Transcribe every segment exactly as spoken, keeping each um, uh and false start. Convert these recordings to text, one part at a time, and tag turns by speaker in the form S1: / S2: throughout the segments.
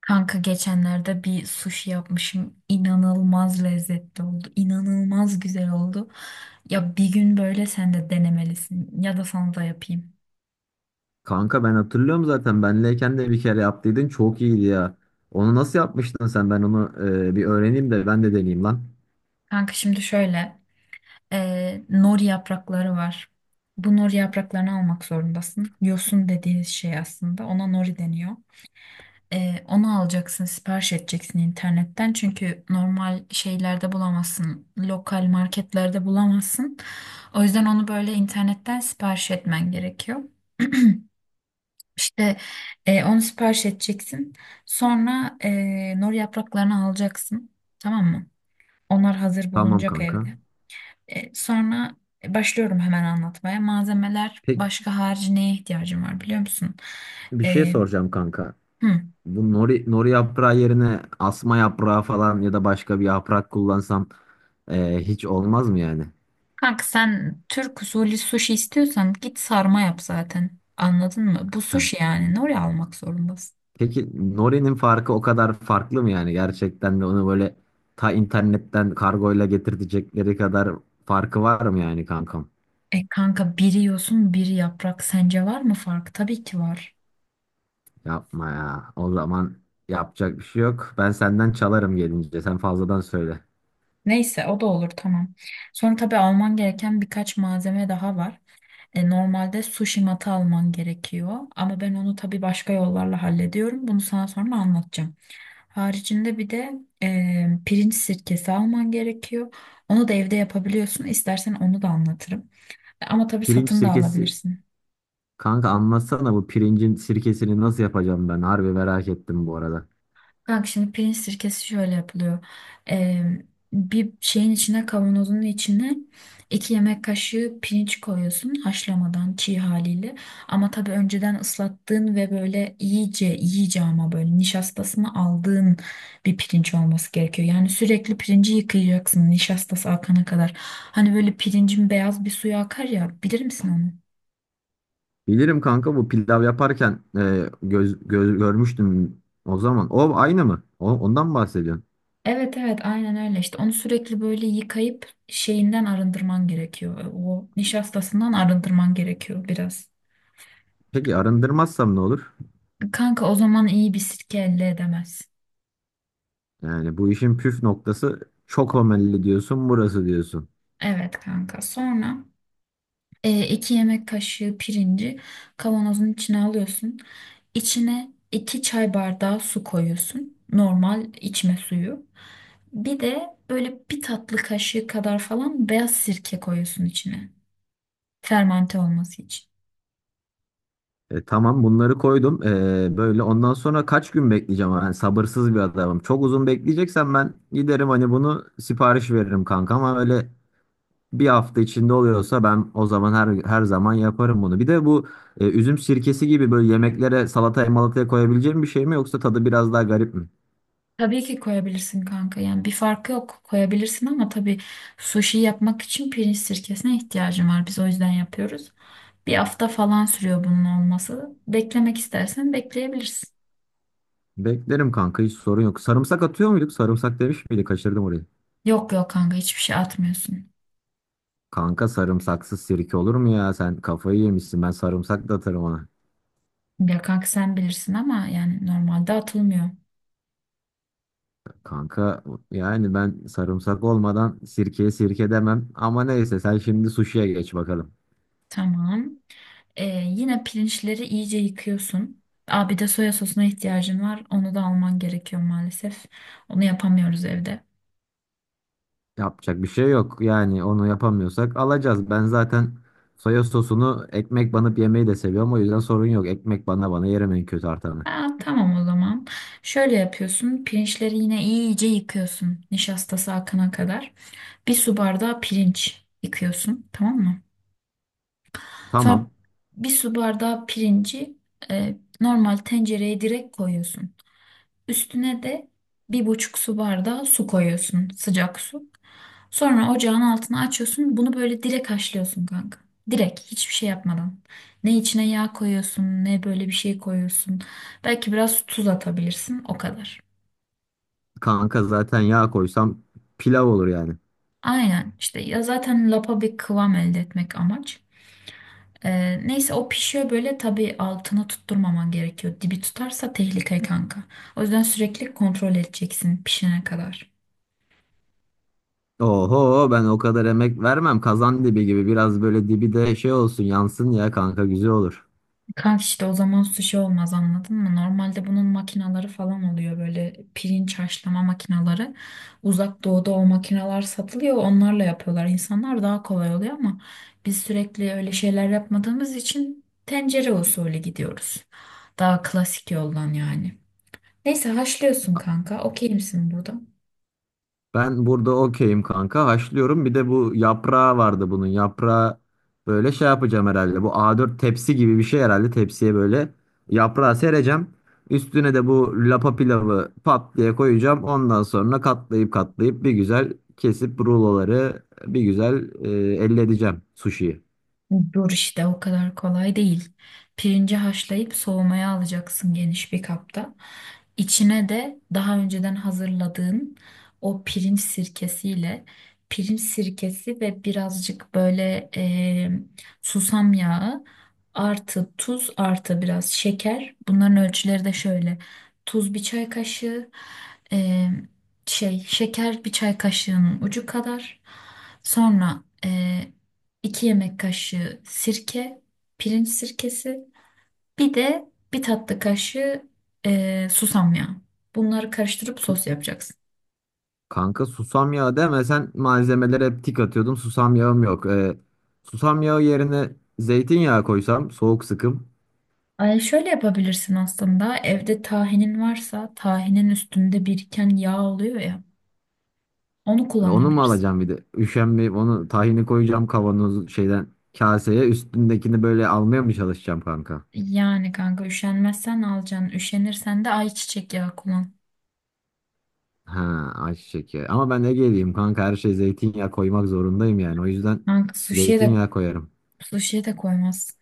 S1: Kanka geçenlerde bir sushi yapmışım. İnanılmaz lezzetli oldu. İnanılmaz güzel oldu. Ya bir gün böyle sen de denemelisin. Ya da sana da yapayım.
S2: Kanka ben hatırlıyorum zaten benleyken de bir kere yaptıydın çok iyiydi ya. Onu nasıl yapmıştın sen? Ben onu e, bir öğreneyim de ben de deneyeyim lan.
S1: Kanka şimdi şöyle. E, nori yaprakları var. Bu nori yapraklarını almak zorundasın. Yosun dediğiniz şey aslında. Ona nori deniyor. Ee, onu alacaksın, sipariş edeceksin internetten. Çünkü normal şeylerde bulamazsın. Lokal marketlerde bulamazsın. O yüzden onu böyle internetten sipariş etmen gerekiyor. İşte e, onu sipariş edeceksin. Sonra e, nor yapraklarını alacaksın. Tamam mı? Onlar hazır
S2: Tamam
S1: bulunacak
S2: kanka.
S1: evde. E, sonra başlıyorum hemen anlatmaya. Malzemeler
S2: Pek
S1: başka harici neye ihtiyacım var biliyor musun?
S2: bir şey
S1: E,
S2: soracağım kanka.
S1: hı.
S2: Bu nori, nori yaprağı yerine asma yaprağı falan ya da başka bir yaprak kullansam e, hiç olmaz mı yani?
S1: Kanka sen Türk usulü sushi istiyorsan git sarma yap zaten. Anladın mı? Bu
S2: Heh.
S1: sushi yani. Ne oraya almak zorundasın?
S2: Peki norinin farkı o kadar farklı mı yani? Gerçekten de onu böyle ta internetten kargoyla getirtecekleri kadar farkı var mı yani kankam?
S1: E kanka biri yosun biri yaprak. Sence var mı fark? Tabii ki var.
S2: Yapma ya. O zaman yapacak bir şey yok. Ben senden çalarım gelince. Sen fazladan söyle.
S1: Neyse o da olur tamam. Sonra tabii alman gereken birkaç malzeme daha var. E, normalde sushi matı alman gerekiyor. Ama ben onu tabii başka yollarla hallediyorum. Bunu sana sonra anlatacağım. Haricinde bir de e, pirinç sirkesi alman gerekiyor. Onu da evde yapabiliyorsun. İstersen onu da anlatırım. Ama tabii
S2: Pirinç
S1: satın da
S2: sirkesi.
S1: alabilirsin.
S2: Kanka anlatsana bu pirincin sirkesini nasıl yapacağım ben? Harbi merak ettim bu arada.
S1: Kanka şimdi pirinç sirkesi şöyle yapılıyor. Ee, bir şeyin içine kavanozun içine iki yemek kaşığı pirinç koyuyorsun haşlamadan çiğ haliyle. Ama tabii önceden ıslattığın ve böyle iyice iyice ama böyle nişastasını aldığın bir pirinç olması gerekiyor. Yani sürekli pirinci yıkayacaksın nişastası akana kadar. Hani böyle pirincin beyaz bir suyu akar ya bilir misin onu?
S2: Bilirim kanka bu pilav yaparken e, göz, göz, görmüştüm o zaman. O aynı mı? O, ondan mı bahsediyorsun?
S1: Evet evet aynen öyle işte onu sürekli böyle yıkayıp şeyinden arındırman gerekiyor. E, O nişastasından arındırman gerekiyor biraz.
S2: Peki arındırmazsam ne olur?
S1: Kanka o zaman iyi bir sirke elde edemez.
S2: Yani bu işin püf noktası çok homelli diyorsun, burası diyorsun.
S1: Evet kanka sonra e, iki yemek kaşığı pirinci kavanozun içine alıyorsun. İçine iki çay bardağı su koyuyorsun. Normal içme suyu. Bir de böyle bir tatlı kaşığı kadar falan beyaz sirke koyuyorsun içine. Fermante olması için.
S2: E, tamam bunları koydum. E, böyle ondan sonra kaç gün bekleyeceğim? Yani sabırsız bir adamım. Çok uzun bekleyeceksen ben giderim hani bunu sipariş veririm kanka, ama öyle bir hafta içinde oluyorsa ben o zaman her her zaman yaparım bunu. Bir de bu e, üzüm sirkesi gibi böyle yemeklere salataya malataya koyabileceğim bir şey mi, yoksa tadı biraz daha garip mi?
S1: Tabii ki koyabilirsin kanka. Yani bir farkı yok. Koyabilirsin ama tabii sushi yapmak için pirinç sirkesine ihtiyacım var. Biz o yüzden yapıyoruz. Bir hafta falan sürüyor bunun olması. Beklemek istersen bekleyebilirsin.
S2: Beklerim kanka, hiç sorun yok. Sarımsak atıyor muyduk? Sarımsak demiş miydi? Kaçırdım orayı.
S1: Yok yok kanka hiçbir şey atmıyorsun.
S2: Kanka sarımsaksız sirke olur mu ya? Sen kafayı yemişsin. Ben sarımsak da atarım ona.
S1: Ya kanka sen bilirsin ama yani normalde atılmıyor.
S2: Kanka yani ben sarımsak olmadan sirkeye sirke demem, ama neyse, sen şimdi suşiye geç bakalım.
S1: Tamam. Ee, yine pirinçleri iyice yıkıyorsun. Aa, bir de soya sosuna ihtiyacın var. Onu da alman gerekiyor maalesef. Onu yapamıyoruz evde.
S2: Yapacak bir şey yok yani, onu yapamıyorsak alacağız. Ben zaten soya sosunu ekmek banıp yemeyi de seviyorum, o yüzden sorun yok. Ekmek bana bana yerim en kötü artanı.
S1: Aa, tamam o zaman. Şöyle yapıyorsun. Pirinçleri yine iyice yıkıyorsun. Nişastası akana kadar. Bir su bardağı pirinç yıkıyorsun. Tamam mı? Sonra
S2: Tamam
S1: bir su bardağı pirinci e, normal tencereye direkt koyuyorsun. Üstüne de bir buçuk su bardağı su koyuyorsun, sıcak su. Sonra ocağın altını açıyorsun. Bunu böyle direkt haşlıyorsun kanka. Direkt hiçbir şey yapmadan. Ne içine yağ koyuyorsun, ne böyle bir şey koyuyorsun. Belki biraz tuz atabilirsin, o kadar.
S2: kanka, zaten yağ koysam pilav olur yani.
S1: Aynen işte ya zaten lapa bir kıvam elde etmek amaç. Ee, neyse o pişiyor böyle tabii altını tutturmaman gerekiyor. Dibi tutarsa tehlike kanka. O yüzden sürekli kontrol edeceksin pişene kadar.
S2: Oho, ben o kadar emek vermem, kazan dibi gibi biraz böyle dibi de şey olsun, yansın ya kanka, güzel olur.
S1: Kanka işte o zaman sushi olmaz anladın mı? Normalde bunun makinaları falan oluyor böyle pirinç haşlama makinaları. Uzak doğuda o makinalar satılıyor onlarla yapıyorlar. İnsanlar daha kolay oluyor ama biz sürekli öyle şeyler yapmadığımız için tencere usulü gidiyoruz. Daha klasik yoldan yani. Neyse haşlıyorsun kanka. Okey misin burada?
S2: Ben burada okeyim kanka. Haşlıyorum. Bir de bu yaprağı vardı bunun. Yaprağı böyle şey yapacağım herhalde. Bu A dört tepsi gibi bir şey herhalde. Tepsiye böyle yaprağı sereceğim. Üstüne de bu lapa pilavı pat diye koyacağım. Ondan sonra katlayıp katlayıp bir güzel kesip ruloları bir güzel e, elde edeceğim sushiyi.
S1: Dur işte o kadar kolay değil. Pirinci haşlayıp soğumaya alacaksın geniş bir kapta. İçine de daha önceden hazırladığın o pirinç sirkesiyle pirinç sirkesi ve birazcık böyle e, susam yağı artı tuz artı biraz şeker. Bunların ölçüleri de şöyle. Tuz bir çay kaşığı, e, şey şeker bir çay kaşığının ucu kadar. Sonra iki yemek kaşığı sirke, pirinç sirkesi, bir de bir tatlı kaşığı eee, susam yağı. Bunları karıştırıp
S2: Su-
S1: sos yapacaksın.
S2: Kanka susam yağı deme, sen malzemelere hep tik atıyordum. Susam yağım yok. E, susam yağı yerine zeytinyağı koysam, soğuk sıkım.
S1: Ay şöyle yapabilirsin aslında. Evde tahinin varsa tahinin üstünde biriken yağ oluyor ya. Onu
S2: E, onu mu
S1: kullanabilirsin.
S2: alacağım bir de? Üşenmeyip onu tahini koyacağım kavanoz şeyden kaseye. Üstündekini böyle almaya mı çalışacağım kanka?
S1: Yani kanka üşenmezsen alacaksın. Üşenirsen de ayçiçek yağı kullan.
S2: Ha, ayçiçek yağı. Ama ben ne geleyim kanka, her şey zeytinyağı koymak zorundayım yani. O yüzden
S1: Kanka suşiye de
S2: zeytinyağı koyarım.
S1: suşiye de koymaz.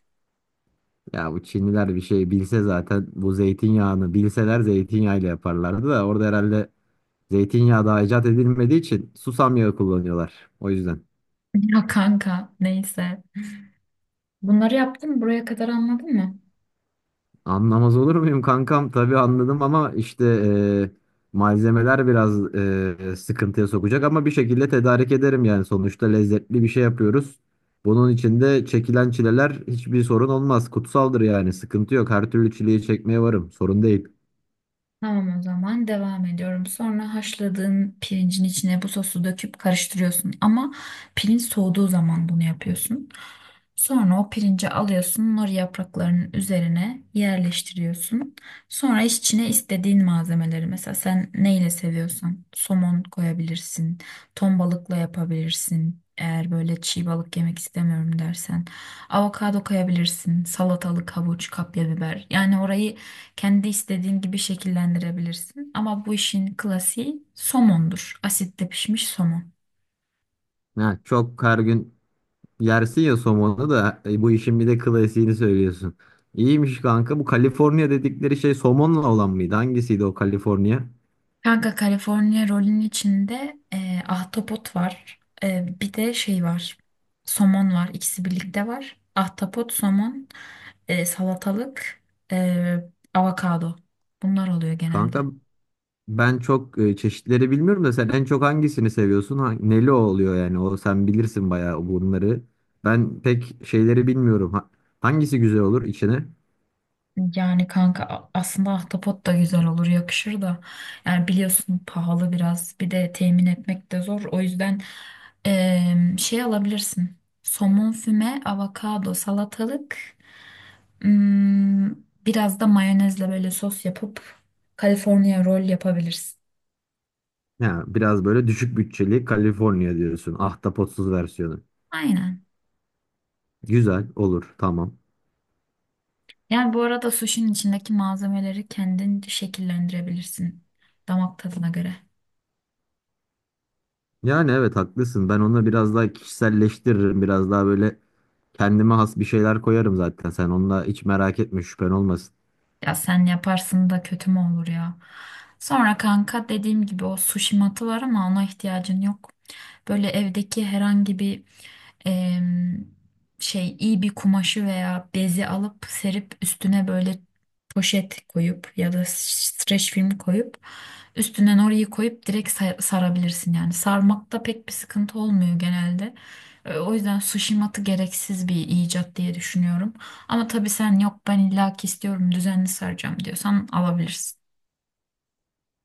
S2: Ya bu Çinliler bir şey bilse zaten, bu zeytinyağını bilseler zeytinyağıyla yaparlardı da, orada herhalde zeytinyağı daha icat edilmediği için susam yağı kullanıyorlar. O yüzden.
S1: Ya kanka neyse. Bunları yaptın mı? Buraya kadar anladın mı?
S2: Anlamaz olur muyum kankam? Tabii anladım, ama işte e, malzemeler biraz e, sıkıntıya sokacak, ama bir şekilde tedarik ederim yani, sonuçta lezzetli bir şey yapıyoruz. Bunun içinde çekilen çileler hiçbir sorun olmaz. Kutsaldır yani, sıkıntı yok. Her türlü çileyi çekmeye varım. Sorun değil.
S1: Tamam o zaman devam ediyorum. Sonra haşladığın pirincin içine bu sosu döküp karıştırıyorsun. Ama pirinç soğuduğu zaman bunu yapıyorsun. Sonra o pirinci alıyorsun, nori yapraklarının üzerine yerleştiriyorsun. Sonra içine istediğin malzemeleri mesela sen neyle seviyorsan somon koyabilirsin, ton balıkla yapabilirsin. Eğer böyle çiğ balık yemek istemiyorum dersen avokado koyabilirsin, salatalık, havuç, kapya biber. Yani orayı kendi istediğin gibi şekillendirebilirsin. Ama bu işin klasiği somondur. Asitte pişmiş somon.
S2: Ha, çok her gün yersin ya somonu da, e, bu işin bir de klasiğini söylüyorsun. İyiymiş kanka. Bu Kaliforniya dedikleri şey somonla olan mıydı? Hangisiydi o Kaliforniya?
S1: Kanka California rolün içinde e, ahtapot var. E, bir de şey var. Somon var. İkisi birlikte var. Ahtapot, somon, e, salatalık, e, avokado. Bunlar oluyor genelde.
S2: Kanka, ben çok e, çeşitleri bilmiyorum da, sen en çok hangisini seviyorsun? Ha- neli oluyor yani? O sen bilirsin bayağı bunları. Ben pek şeyleri bilmiyorum. Ha- hangisi güzel olur içine?
S1: Yani kanka a- aslında ahtapot da güzel olur, yakışır da. Yani biliyorsun pahalı biraz. Bir de temin etmek de zor. O yüzden e, şey alabilirsin. Somon füme, avokado, salatalık. Hmm, biraz da mayonezle böyle sos yapıp California roll yapabilirsin.
S2: Ya biraz böyle düşük bütçeli Kaliforniya diyorsun. Ahtapotsuz versiyonu.
S1: Aynen.
S2: Güzel olur, tamam.
S1: Yani bu arada suşinin içindeki malzemeleri kendin şekillendirebilirsin damak tadına göre.
S2: Yani evet, haklısın. Ben onu biraz daha kişiselleştiririm. Biraz daha böyle kendime has bir şeyler koyarım zaten. Sen onunla hiç merak etme, şüphen olmasın.
S1: Ya sen yaparsın da kötü mü olur ya? Sonra kanka dediğim gibi o sushi matı var ama ona ihtiyacın yok. Böyle evdeki herhangi bir em, şey iyi bir kumaşı veya bezi alıp serip üstüne böyle poşet koyup ya da streç film koyup üstüne orayı koyup direkt sa- sarabilirsin yani. Sarmakta pek bir sıkıntı olmuyor genelde. E, O yüzden sushi matı gereksiz bir icat diye düşünüyorum. Ama tabii sen yok ben illaki istiyorum düzenli saracağım diyorsan alabilirsin.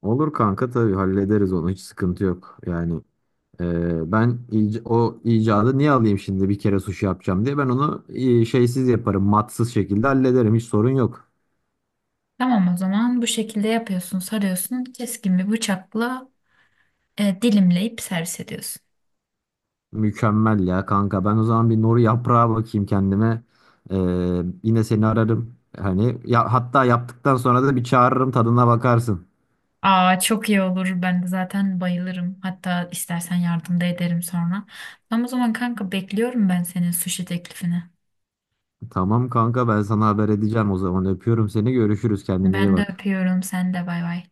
S2: Olur kanka, tabii hallederiz onu. Hiç sıkıntı yok. Yani Ee, ben ic- o icadı niye alayım şimdi bir kere sushi yapacağım diye. Ben onu e, şeysiz yaparım, matsız şekilde hallederim. Hiç sorun yok.
S1: Tamam o zaman bu şekilde yapıyorsun sarıyorsun keskin bir bıçakla e, dilimleyip servis ediyorsun.
S2: Mükemmel ya kanka. Ben o zaman bir noru yaprağı bakayım kendime. Ee, yine seni ararım. Hani ya, hatta yaptıktan sonra da bir çağırırım, tadına bakarsın.
S1: Aa çok iyi olur ben de zaten bayılırım hatta istersen yardım da ederim sonra. Tamam o zaman kanka bekliyorum ben senin sushi teklifini.
S2: Tamam kanka, ben sana haber edeceğim o zaman. Öpüyorum seni. Görüşürüz. Kendine iyi
S1: Ben de
S2: bak.
S1: öpüyorum sen de bay bay.